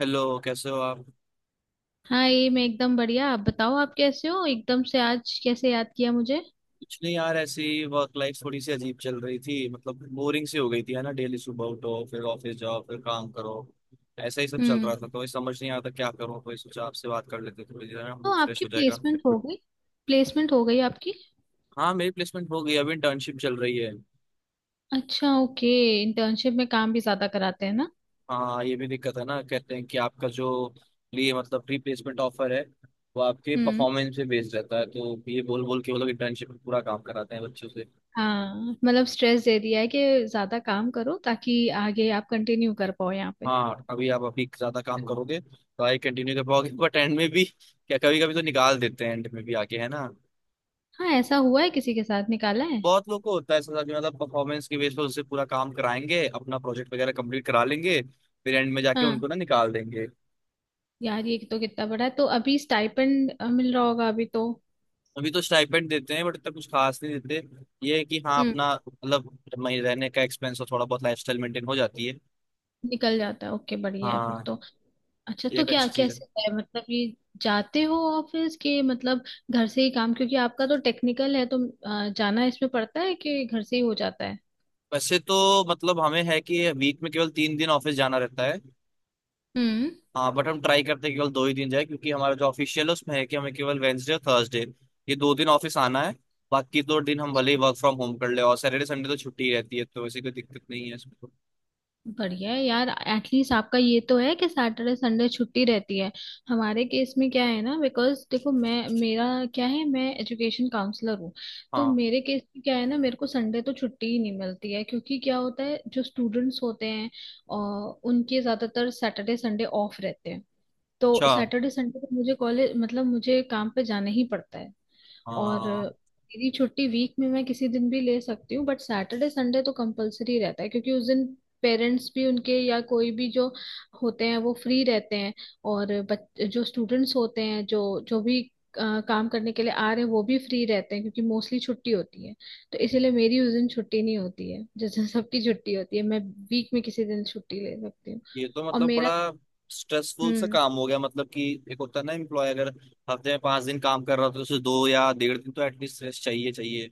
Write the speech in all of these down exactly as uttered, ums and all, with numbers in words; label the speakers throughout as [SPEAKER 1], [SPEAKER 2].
[SPEAKER 1] Hello कैसे हो आप।
[SPEAKER 2] हाँ, ये मैं एकदम बढ़िया। आप बताओ, आप कैसे हो? एकदम से आज कैसे याद किया मुझे?
[SPEAKER 1] कुछ नहीं यार, ऐसी वर्क लाइफ थोड़ी सी अजीब चल रही थी, मतलब बोरिंग सी हो गई थी है ना। डेली सुबह उठो, फिर ऑफिस जाओ, फिर काम करो, ऐसा ही सब चल रहा
[SPEAKER 2] हम्म।
[SPEAKER 1] था, तो ये समझ नहीं आता क्या करूँ, तो ये सोचा आपसे बात कर लेते हैं, थोड़ी देर में
[SPEAKER 2] तो
[SPEAKER 1] मूड फ्रेश
[SPEAKER 2] आपकी
[SPEAKER 1] हो जाएगा।
[SPEAKER 2] प्लेसमेंट हो गई? प्लेसमेंट हो गई आपकी?
[SPEAKER 1] हाँ मेरी प्लेसमेंट हो गई, अभी इंटर्नशिप चल रही है।
[SPEAKER 2] अच्छा, ओके। इंटर्नशिप में काम भी ज्यादा कराते हैं ना?
[SPEAKER 1] हाँ ये भी दिक्कत है ना, कहते हैं कि आपका जो लिए मतलब प्री प्लेसमेंट ऑफर है, वो आपके
[SPEAKER 2] हम्म।
[SPEAKER 1] परफॉर्मेंस पे बेस्ड रहता है, तो ये बोल बोल के वो लोग इंटर्नशिप में पूरा काम कराते हैं बच्चों से।
[SPEAKER 2] हाँ, मतलब स्ट्रेस दे दिया है कि ज्यादा काम करो ताकि आगे आप कंटिन्यू कर पाओ यहाँ पे।
[SPEAKER 1] हाँ अभी आप अभी ज्यादा काम करोगे तो आई कंटिन्यू कर पाओगे, बट एंड में भी क्या कभी कभी तो निकाल देते हैं एंड में भी आके है ना।
[SPEAKER 2] हाँ, ऐसा हुआ है किसी के साथ? निकाला है?
[SPEAKER 1] बहुत लोग को होता है ऐसा कि मतलब परफॉर्मेंस के बेस पर उससे पूरा काम कराएंगे, अपना प्रोजेक्ट वगैरह कंप्लीट करा लेंगे, फिर एंड में जाके
[SPEAKER 2] हाँ,
[SPEAKER 1] उनको ना निकाल देंगे।
[SPEAKER 2] यार ये तो कितना बड़ा है। तो अभी स्टाइपेंड मिल रहा होगा अभी तो?
[SPEAKER 1] अभी तो स्टाइपेंड देते हैं बट इतना कुछ खास नहीं देते, ये है कि हाँ अपना मतलब मही- रहने का एक्सपेंस और थोड़ा बहुत लाइफ स्टाइल मेंटेन हो जाती है।
[SPEAKER 2] निकल जाता है, ओके, बढ़िया है फिर
[SPEAKER 1] हाँ
[SPEAKER 2] तो। अच्छा,
[SPEAKER 1] ये
[SPEAKER 2] तो
[SPEAKER 1] एक
[SPEAKER 2] क्या
[SPEAKER 1] अच्छी चीज है।
[SPEAKER 2] कैसे है मतलब, ये जाते हो ऑफिस, के मतलब घर से ही काम, क्योंकि आपका तो टेक्निकल है तो अ, जाना इसमें पड़ता है कि घर से ही हो जाता है?
[SPEAKER 1] वैसे तो मतलब हमें है कि वीक में केवल तीन दिन ऑफिस जाना रहता है।
[SPEAKER 2] हम्म।
[SPEAKER 1] हाँ बट हम ट्राई करते हैं केवल दो ही दिन जाए, क्योंकि हमारा जो ऑफिशियल है उसमें है कि हमें केवल वेंसडे और थर्सडे, ये दो दिन ऑफिस आना है। बाकी दो दिन हम भले ही वर्क फ्रॉम होम कर ले, और सैटरडे संडे तो छुट्टी ही रहती है, तो वैसे कोई दिक्कत नहीं है इसमें तो।
[SPEAKER 2] बढ़िया है यार, एटलीस्ट आपका ये तो है कि सैटरडे संडे छुट्टी रहती है। हमारे केस में क्या है ना, बिकॉज देखो, मैं मेरा क्या है, मैं एजुकेशन काउंसलर हूँ। तो
[SPEAKER 1] हाँ।
[SPEAKER 2] मेरे केस में क्या है ना, मेरे को संडे तो छुट्टी ही नहीं मिलती है, क्योंकि क्या होता है, जो स्टूडेंट्स होते हैं और उनके ज्यादातर सैटरडे संडे ऑफ रहते हैं, तो
[SPEAKER 1] अच्छा।
[SPEAKER 2] सैटरडे संडे को मुझे कॉलेज मतलब मुझे काम पे जाना ही पड़ता है। और
[SPEAKER 1] हाँ
[SPEAKER 2] मेरी छुट्टी वीक में मैं किसी दिन भी ले सकती हूँ, बट सैटरडे संडे तो कंपलसरी रहता है, क्योंकि उस दिन पेरेंट्स भी उनके या कोई भी जो होते हैं वो फ्री रहते हैं। और बच, जो स्टूडेंट्स होते हैं जो जो भी अ, काम करने के लिए आ रहे हैं वो भी फ्री रहते हैं, क्योंकि मोस्टली छुट्टी होती है। तो इसीलिए मेरी उस दिन छुट्टी नहीं होती है जिस दिन सबकी छुट्टी होती है। मैं वीक में किसी दिन छुट्टी ले सकती हूँ।
[SPEAKER 1] ये तो
[SPEAKER 2] और
[SPEAKER 1] मतलब
[SPEAKER 2] मेरा
[SPEAKER 1] बड़ा
[SPEAKER 2] तो
[SPEAKER 1] स्ट्रेसफुल सा काम हो गया, मतलब कि एक होता है ना एम्प्लॉय, अगर हफ्ते में पांच दिन काम कर रहा हो तो उसे दो या डेढ़ दिन तो एटलीस्ट रेस्ट चाहिए चाहिए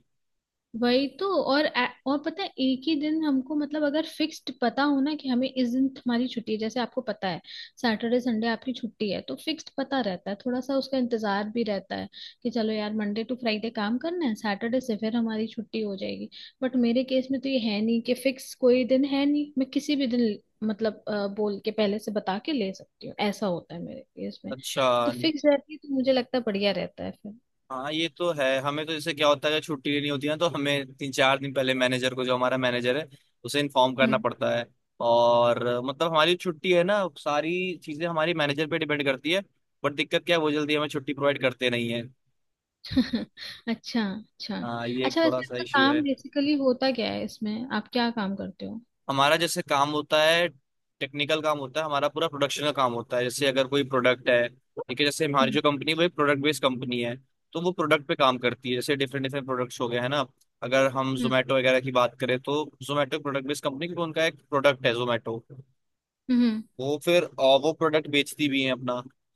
[SPEAKER 2] वही तो। और ए- और पता है, एक ही दिन हमको मतलब, अगर फिक्स्ड पता हो ना कि हमें इस दिन हमारी छुट्टी है, जैसे आपको पता है सैटरडे संडे आपकी छुट्टी है तो फिक्स्ड पता रहता है, थोड़ा सा उसका इंतजार भी रहता है कि चलो यार, मंडे टू फ्राइडे काम करना है, सैटरडे से फिर हमारी छुट्टी हो जाएगी। बट मेरे केस में तो ये है नहीं कि फिक्स कोई दिन है, नहीं, मैं किसी भी दिन मतलब अ, बोल के, पहले से बता के ले सकती हूँ, ऐसा होता है मेरे केस में।
[SPEAKER 1] अच्छा।
[SPEAKER 2] तो फिक्स रहती है तो मुझे लगता है बढ़िया रहता है
[SPEAKER 1] हाँ ये तो है, हमें तो जैसे क्या होता है छुट्टी लेनी होती है ना, तो हमें तीन चार दिन पहले मैनेजर को, जो हमारा मैनेजर है उसे इन्फॉर्म करना
[SPEAKER 2] फिर।
[SPEAKER 1] पड़ता है। और मतलब हमारी छुट्टी है ना, सारी चीजें हमारी मैनेजर पे डिपेंड करती है, बट दिक्कत क्या है वो जल्दी हमें छुट्टी प्रोवाइड करते नहीं है।
[SPEAKER 2] अच्छा, अच्छा।
[SPEAKER 1] हाँ ये एक
[SPEAKER 2] अच्छा,
[SPEAKER 1] थोड़ा
[SPEAKER 2] वैसे
[SPEAKER 1] सा
[SPEAKER 2] आपका
[SPEAKER 1] इश्यू है।
[SPEAKER 2] काम बेसिकली होता क्या है, इसमें आप क्या काम करते हो?
[SPEAKER 1] हमारा जैसे काम होता है टेक्निकल काम होता है, हमारा पूरा प्रोडक्शन का काम होता है। जैसे अगर कोई प्रोडक्ट है, ठीक है, जैसे हमारी
[SPEAKER 2] हम्म,
[SPEAKER 1] जो कंपनी वो एक प्रोडक्ट बेस्ड कंपनी है, तो वो प्रोडक्ट पे काम करती है। जैसे डिफरेंट डिफरेंट प्रोडक्ट्स हो गए हैं ना, अगर हम
[SPEAKER 2] हम्म,
[SPEAKER 1] जोमेटो वगैरह की बात करें तो जोमेटो प्रोडक्ट बेस्ड कंपनी, क्योंकि उनका एक प्रोडक्ट है जोमेटो।
[SPEAKER 2] हम्म,
[SPEAKER 1] वो फिर अ, वो प्रोडक्ट बेचती भी है अपना,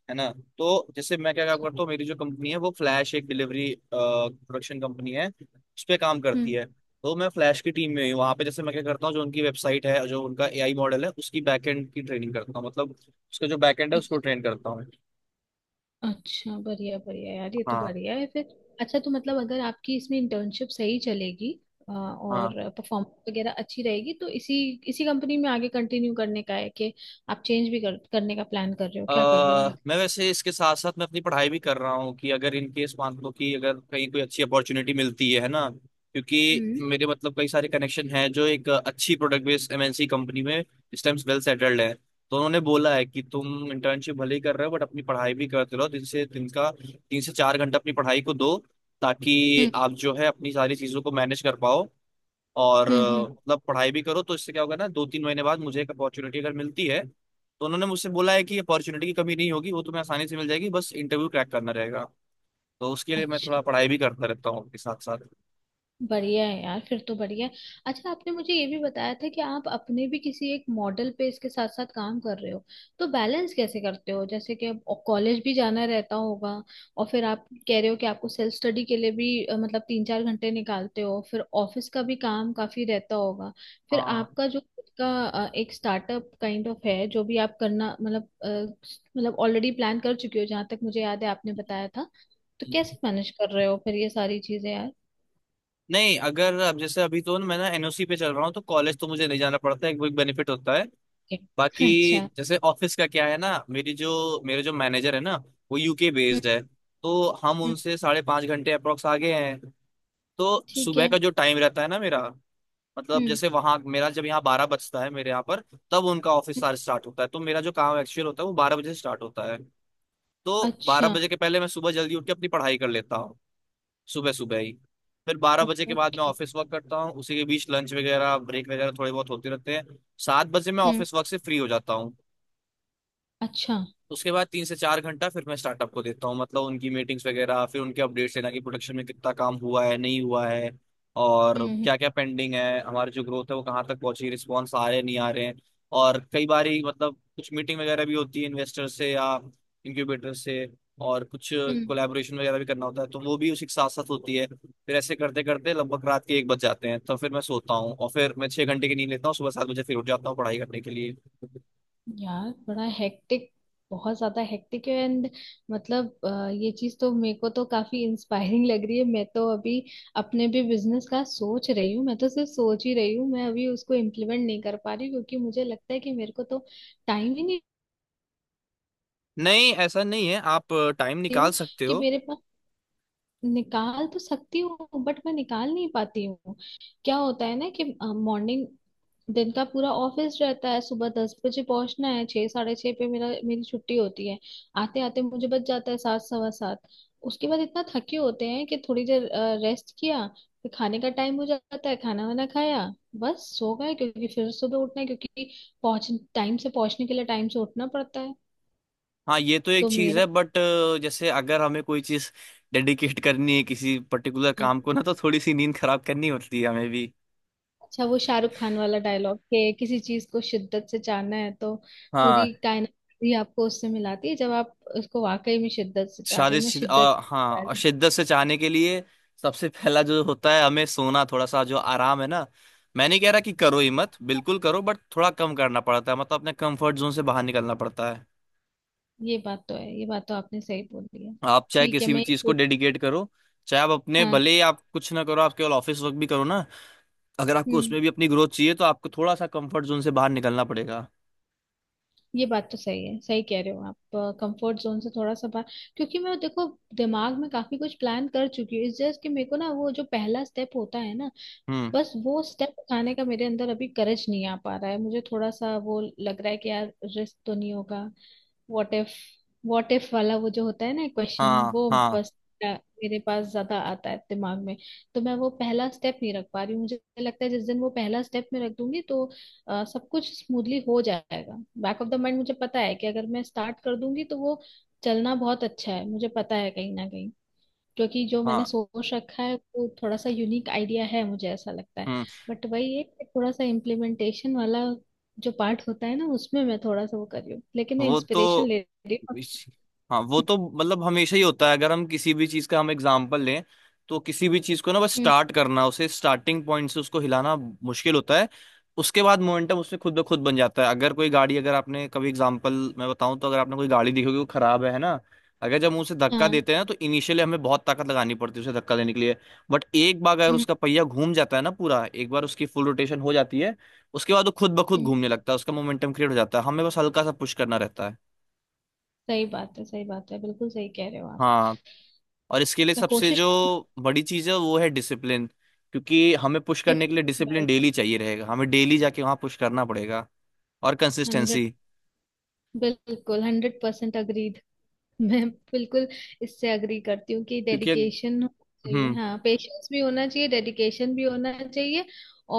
[SPEAKER 1] है ना। तो जैसे मैं क्या काम करता हूँ, मेरी जो कंपनी है वो फ्लैश, एक डिलीवरी प्रोडक्शन कंपनी है, उस पर काम करती
[SPEAKER 2] हम्म।
[SPEAKER 1] है। तो मैं फ्लैश की टीम में ही हूँ, वहाँ पे जैसे मैं क्या करता हूँ, जो उनकी वेबसाइट है, जो उनका ए आई मॉडल है, उसकी बैकएंड की ट्रेनिंग करता हूँ, मतलब उसका जो बैकएंड है उसको ट्रेन करता हूँ।
[SPEAKER 2] अच्छा, बढ़िया, बढ़िया यार, ये तो
[SPEAKER 1] हाँ।
[SPEAKER 2] बढ़िया है फिर। अच्छा, तो मतलब अगर आपकी इसमें इंटर्नशिप सही चलेगी, अ, और
[SPEAKER 1] हाँ
[SPEAKER 2] परफॉर्मेंस वगैरह अच्छी रहेगी तो इसी इसी कंपनी में आगे कंटिन्यू करने का है, कि आप चेंज भी कर, करने का प्लान कर रहे हो,
[SPEAKER 1] अ,
[SPEAKER 2] क्या कर रहे हो मतलब?
[SPEAKER 1] मैं वैसे इसके साथ साथ मैं अपनी पढ़ाई भी कर रहा हूँ, कि अगर इन केस मान लो कि अगर कहीं कोई अच्छी अपॉर्चुनिटी मिलती है है ना, क्योंकि
[SPEAKER 2] हम्म,
[SPEAKER 1] मेरे मतलब कई सारे कनेक्शन हैं जो एक अच्छी product based M N C company में इस टाइम वेल सेटल्ड है, तो उन्होंने बोला है कि तुम इंटर्नशिप भले ही कर रहे हो बट अपनी पढ़ाई भी करते रहो, दिन से दिन का तीन से चार घंटा अपनी पढ़ाई को दो, ताकि
[SPEAKER 2] हम्म,
[SPEAKER 1] आप जो है अपनी सारी चीजों को मैनेज कर पाओ। और
[SPEAKER 2] हम्म, हम्म।
[SPEAKER 1] अ, मतलब पढ़ाई भी करो तो इससे क्या होगा ना, दो तीन महीने बाद मुझे एक अपॉर्चुनिटी अगर मिलती है तो उन्होंने मुझसे बोला है कि अपॉर्चुनिटी की कमी नहीं होगी, वो तुम्हें आसानी से मिल जाएगी, बस इंटरव्यू क्रैक करना रहेगा। तो उसके लिए मैं
[SPEAKER 2] अच्छा,
[SPEAKER 1] थोड़ा पढ़ाई भी करता रहता हूँ के साथ साथ।
[SPEAKER 2] बढ़िया है यार फिर तो, बढ़िया है। अच्छा, आपने मुझे ये भी बताया था कि आप अपने भी किसी एक मॉडल पे इसके साथ साथ काम कर रहे हो, तो बैलेंस कैसे करते हो, जैसे कि अब कॉलेज भी जाना रहता होगा, और फिर आप कह रहे हो कि आपको सेल्फ स्टडी के लिए भी अ, मतलब तीन चार घंटे निकालते हो, फिर ऑफिस का भी काम काफी रहता होगा, फिर
[SPEAKER 1] हाँ।
[SPEAKER 2] आपका जो खुद का अ, एक स्टार्टअप काइंड ऑफ है, जो भी आप करना मतलब अ, मतलब ऑलरेडी प्लान कर चुके हो जहाँ तक मुझे याद है आपने बताया था। तो कैसे मैनेज कर रहे हो फिर ये सारी चीजें यार?
[SPEAKER 1] नहीं अगर, अब जैसे अभी तो मैं ना एन ओ सी पे चल रहा हूँ तो कॉलेज तो मुझे नहीं जाना पड़ता है, वो एक बेनिफिट होता है।
[SPEAKER 2] ओके।
[SPEAKER 1] बाकी
[SPEAKER 2] अच्छा।
[SPEAKER 1] जैसे ऑफिस का क्या है ना, मेरी जो मेरे जो मैनेजर है ना, वो यू के
[SPEAKER 2] हम्म,
[SPEAKER 1] बेस्ड है। तो हम
[SPEAKER 2] हम्म।
[SPEAKER 1] उनसे साढ़े पाँच घंटे अप्रोक्स आगे हैं। तो
[SPEAKER 2] ठीक
[SPEAKER 1] सुबह
[SPEAKER 2] है।
[SPEAKER 1] का जो टाइम रहता है ना मेरा, मतलब
[SPEAKER 2] हम्म,
[SPEAKER 1] जैसे वहां मेरा, जब यहाँ बारह बजता है मेरे यहाँ पर, तब उनका ऑफिस
[SPEAKER 2] हम्म।
[SPEAKER 1] आवर स्टार्ट होता है, तो मेरा जो काम एक्चुअल होता है वो बारह बजे से स्टार्ट होता है। तो बारह
[SPEAKER 2] अच्छा।
[SPEAKER 1] बजे के पहले मैं सुबह जल्दी उठ के अपनी पढ़ाई कर लेता हूँ, सुबह सुबह ही। फिर बारह
[SPEAKER 2] ओ-
[SPEAKER 1] बजे के बाद मैं
[SPEAKER 2] ओके
[SPEAKER 1] ऑफिस वर्क करता हूँ, उसी के बीच लंच वगैरह ब्रेक वगैरह थोड़े बहुत होते रहते हैं। सात बजे मैं
[SPEAKER 2] हम्म।
[SPEAKER 1] ऑफिस वर्क से फ्री हो जाता हूँ।
[SPEAKER 2] अच्छा।
[SPEAKER 1] उसके बाद तीन से चार घंटा फिर मैं स्टार्टअप को देता हूँ, मतलब उनकी मीटिंग्स वगैरह, फिर उनके अपडेट्स लेना कि प्रोडक्शन में कितना काम हुआ है नहीं हुआ है, और
[SPEAKER 2] हम्म, हम्म,
[SPEAKER 1] क्या क्या पेंडिंग है, हमारी जो ग्रोथ है वो कहाँ तक पहुंची, रिस्पॉन्स आ रहे हैं नहीं आ रहे हैं। और कई बार ही मतलब कुछ मीटिंग वगैरह भी होती है इन्वेस्टर से या इंक्यूबेटर से, और कुछ
[SPEAKER 2] हम्म।
[SPEAKER 1] कोलैबोरेशन वगैरह भी करना होता है तो वो भी उसी के साथ साथ होती है। फिर ऐसे करते करते लगभग रात के एक बज जाते हैं, तो फिर मैं सोता हूँ, और फिर मैं छह घंटे की नींद लेता हूँ, सुबह सात बजे फिर उठ जाता हूँ पढ़ाई करने के लिए।
[SPEAKER 2] यार, बड़ा हेक्टिक, बहुत ज्यादा हेक्टिक है एंड। मतलब अ, ये चीज तो मेरे को तो काफी इंस्पायरिंग लग रही है। मैं तो अभी अपने भी बिजनेस का सोच रही हूँ, मैं तो सिर्फ सोच ही रही हूँ, मैं अभी उसको इम्प्लीमेंट नहीं कर पा रही हूँ, क्योंकि मुझे लगता है कि मेरे को तो टाइम ही नहीं।
[SPEAKER 1] नहीं ऐसा नहीं है, आप टाइम निकाल
[SPEAKER 2] हूँ,
[SPEAKER 1] सकते
[SPEAKER 2] कि
[SPEAKER 1] हो।
[SPEAKER 2] मेरे पास, निकाल तो सकती हूँ बट मैं निकाल नहीं पाती हूँ। क्या होता है ना कि मॉर्निंग, दिन का पूरा ऑफिस रहता है, सुबह दस बजे पहुंचना है, छह, साढ़े छह पे मेरा मेरी छुट्टी होती है। आते आते मुझे बच जाता है सात, सवा सात। उसके बाद इतना थके होते हैं कि थोड़ी देर रेस्ट किया, फिर खाने का टाइम हो जाता है, खाना वाना खाया, बस सो गए, क्योंकि फिर सुबह उठना है, क्योंकि पहुंच टाइम से पहुंचने के लिए टाइम से उठना पड़ता है।
[SPEAKER 1] हाँ ये तो एक
[SPEAKER 2] तो
[SPEAKER 1] चीज
[SPEAKER 2] मेरा
[SPEAKER 1] है बट, जैसे अगर हमें कोई चीज डेडिकेट करनी है किसी पर्टिकुलर काम को
[SPEAKER 2] हाँ।
[SPEAKER 1] ना, तो थोड़ी सी नींद खराब करनी होती है हमें भी।
[SPEAKER 2] अच्छा, वो शाहरुख खान वाला डायलॉग कि किसी चीज को शिद्दत से चाहना है तो
[SPEAKER 1] हाँ।
[SPEAKER 2] पूरी कायनात भी आपको उससे मिलाती है जब आप उसको वाकई में शिद्दत से चाह रहे हो।
[SPEAKER 1] साजिश
[SPEAKER 2] मैं
[SPEAKER 1] शिद-
[SPEAKER 2] शिद्दत
[SPEAKER 1] आ,
[SPEAKER 2] से
[SPEAKER 1] हाँ,
[SPEAKER 2] चाह
[SPEAKER 1] और
[SPEAKER 2] रही हूँ।
[SPEAKER 1] शिद्दत से चाहने के लिए सबसे पहला जो होता है हमें सोना, थोड़ा सा जो आराम है ना, मैं नहीं कह रहा कि करो ही
[SPEAKER 2] उसको-
[SPEAKER 1] मत बिल्कुल, करो बट थोड़ा कम करना पड़ता है, मतलब अपने कंफर्ट जोन से बाहर निकलना पड़ता है।
[SPEAKER 2] ये बात तो है, ये बात तो आपने सही बोली है।
[SPEAKER 1] आप चाहे
[SPEAKER 2] ठीक है।
[SPEAKER 1] किसी भी
[SPEAKER 2] मैं
[SPEAKER 1] चीज को डेडिकेट करो, चाहे आप अपने
[SPEAKER 2] हाँ।
[SPEAKER 1] भले ही आप कुछ ना करो, आप केवल ऑफिस वर्क भी करो ना, अगर आपको
[SPEAKER 2] हम्म।
[SPEAKER 1] उसमें भी अपनी ग्रोथ चाहिए तो आपको थोड़ा सा कंफर्ट जोन से बाहर निकलना पड़ेगा।
[SPEAKER 2] ये बात तो सही है, सही कह रहे हो आप। कंफर्ट जोन से थोड़ा सा बाहर, क्योंकि मैं देखो, दिमाग में काफी कुछ प्लान कर चुकी हूँ, इस जस्ट कि मेरे को ना वो जो पहला स्टेप होता है ना,
[SPEAKER 1] हम्म।
[SPEAKER 2] बस वो स्टेप उठाने का मेरे अंदर अभी करज नहीं आ पा रहा है। मुझे थोड़ा सा वो लग रहा है कि यार रिस्क तो नहीं होगा, व्हाट इफ, व्हाट इफ वाला वो जो होता है ना क्वेश्चन,
[SPEAKER 1] हाँ।
[SPEAKER 2] वो
[SPEAKER 1] हाँ।
[SPEAKER 2] बस अ, मेरे पास ज्यादा आता है दिमाग में। तो मैं वो पहला स्टेप नहीं रख पा रही हूँ, मुझे लगता है जिस दिन वो पहला स्टेप में रख दूंगी तो अ, सब कुछ स्मूथली हो जाएगा। बैक ऑफ द माइंड मुझे पता है कि अगर मैं स्टार्ट कर दूंगी तो वो चलना बहुत अच्छा है, मुझे पता है, कहीं ना कहीं, क्योंकि जो मैंने
[SPEAKER 1] हाँ।
[SPEAKER 2] सोच रखा है वो थोड़ा सा यूनिक आइडिया है मुझे ऐसा लगता है।
[SPEAKER 1] हम्म।
[SPEAKER 2] बट वही है कि थोड़ा सा इम्प्लीमेंटेशन वाला जो पार्ट होता है ना, उसमें मैं थोड़ा सा वो कर रही हूँ, लेकिन मैं
[SPEAKER 1] वो तो
[SPEAKER 2] इंस्पिरेशन ले रही हूँ आपसे।
[SPEAKER 1] इस- हाँ वो तो मतलब हमेशा ही होता है, अगर हम किसी भी चीज का हम एग्जाम्पल लें, तो किसी भी चीज को ना बस
[SPEAKER 2] हम्म,
[SPEAKER 1] स्टार्ट करना, उसे स्टार्टिंग पॉइंट से उसको हिलाना मुश्किल होता है। उसके बाद मोमेंटम उसमें खुद ब खुद बन जाता है। अगर कोई गाड़ी, अगर आपने कभी एग्जाम्पल मैं बताऊं तो, अगर आपने कोई गाड़ी देखी होगी वो खराब है है ना, अगर जब हम उसे धक्का
[SPEAKER 2] हाँ,
[SPEAKER 1] देते हैं ना तो इनिशियली हमें बहुत ताकत लगानी पड़ती है उसे धक्का देने के लिए, बट एक बार अगर
[SPEAKER 2] हम्म,
[SPEAKER 1] उसका पहिया घूम जाता है ना, पूरा एक बार उसकी फुल रोटेशन हो जाती है, उसके बाद वो खुद ब खुद
[SPEAKER 2] हम्म।
[SPEAKER 1] घूमने लगता है, उसका मोमेंटम क्रिएट हो जाता है, हमें बस हल्का सा पुश करना रहता है।
[SPEAKER 2] सही बात है, सही बात है, बिल्कुल सही कह रहे हो आप।
[SPEAKER 1] हाँ और इसके लिए
[SPEAKER 2] मैं
[SPEAKER 1] सबसे
[SPEAKER 2] कोशिश
[SPEAKER 1] जो बड़ी चीज़ है वो है डिसिप्लिन, क्योंकि हमें पुश करने के लिए डिसिप्लिन डेली चाहिए रहेगा, हमें डेली जाके वहाँ पुश करना पड़ेगा, और
[SPEAKER 2] हंड्रेड,
[SPEAKER 1] कंसिस्टेंसी।
[SPEAKER 2] बिल्कुल हंड्रेड परसेंट अग्री। मैं बिल्कुल इससे अग्री करती हूँ कि
[SPEAKER 1] क्योंकि
[SPEAKER 2] डेडिकेशन होना चाहिए।
[SPEAKER 1] हम्म।
[SPEAKER 2] हाँ, पेशेंस भी होना चाहिए, डेडिकेशन भी होना चाहिए।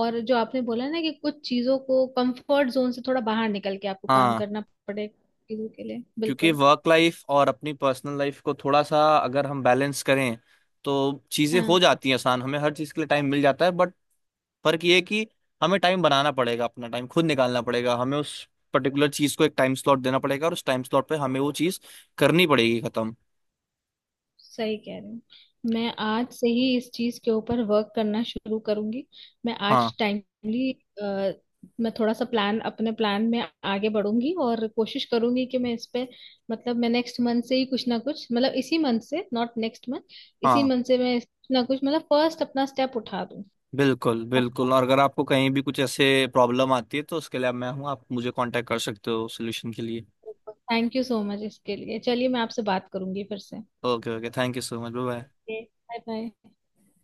[SPEAKER 2] और जो आपने बोला ना कि कुछ चीजों को कंफर्ट जोन से थोड़ा बाहर निकल के आपको काम
[SPEAKER 1] हाँ।
[SPEAKER 2] करना पड़ेगा, चीजों के लिए
[SPEAKER 1] क्योंकि
[SPEAKER 2] बिल्कुल।
[SPEAKER 1] वर्क लाइफ और अपनी पर्सनल लाइफ को थोड़ा सा अगर हम बैलेंस करें तो चीज़ें हो
[SPEAKER 2] हाँ,
[SPEAKER 1] जाती हैं आसान, हमें हर चीज़ के लिए टाइम मिल जाता है, बट फर्क ये है कि हमें टाइम बनाना पड़ेगा, अपना टाइम खुद निकालना पड़ेगा, हमें उस पर्टिकुलर चीज को एक टाइम स्लॉट देना पड़ेगा और उस टाइम स्लॉट पे हमें वो चीज करनी पड़ेगी, खत्म।
[SPEAKER 2] सही कह रहे हो। मैं आज से ही इस चीज के ऊपर वर्क करना शुरू करूंगी। मैं
[SPEAKER 1] हाँ।
[SPEAKER 2] आज टाइमली, मैं थोड़ा सा प्लान, अपने प्लान में आगे बढ़ूंगी और कोशिश करूंगी कि मैं इस पे मतलब, मैं नेक्स्ट मंथ से ही कुछ ना कुछ, मतलब इसी मंथ से, नॉट नेक्स्ट मंथ, इसी
[SPEAKER 1] हाँ
[SPEAKER 2] मंथ से मैं कुछ ना कुछ मतलब फर्स्ट अपना स्टेप उठा दूं।
[SPEAKER 1] बिल्कुल बिल्कुल, और अगर आपको कहीं भी कुछ ऐसे प्रॉब्लम आती है तो उसके लिए मैं हूँ, आप मुझे कांटेक्ट कर सकते हो सोल्यूशन के लिए।
[SPEAKER 2] थैंक यू सो मच इसके लिए। चलिए, मैं आपसे बात करूंगी फिर से।
[SPEAKER 1] Okay okay, thank you so much, bye.
[SPEAKER 2] Bye, bye.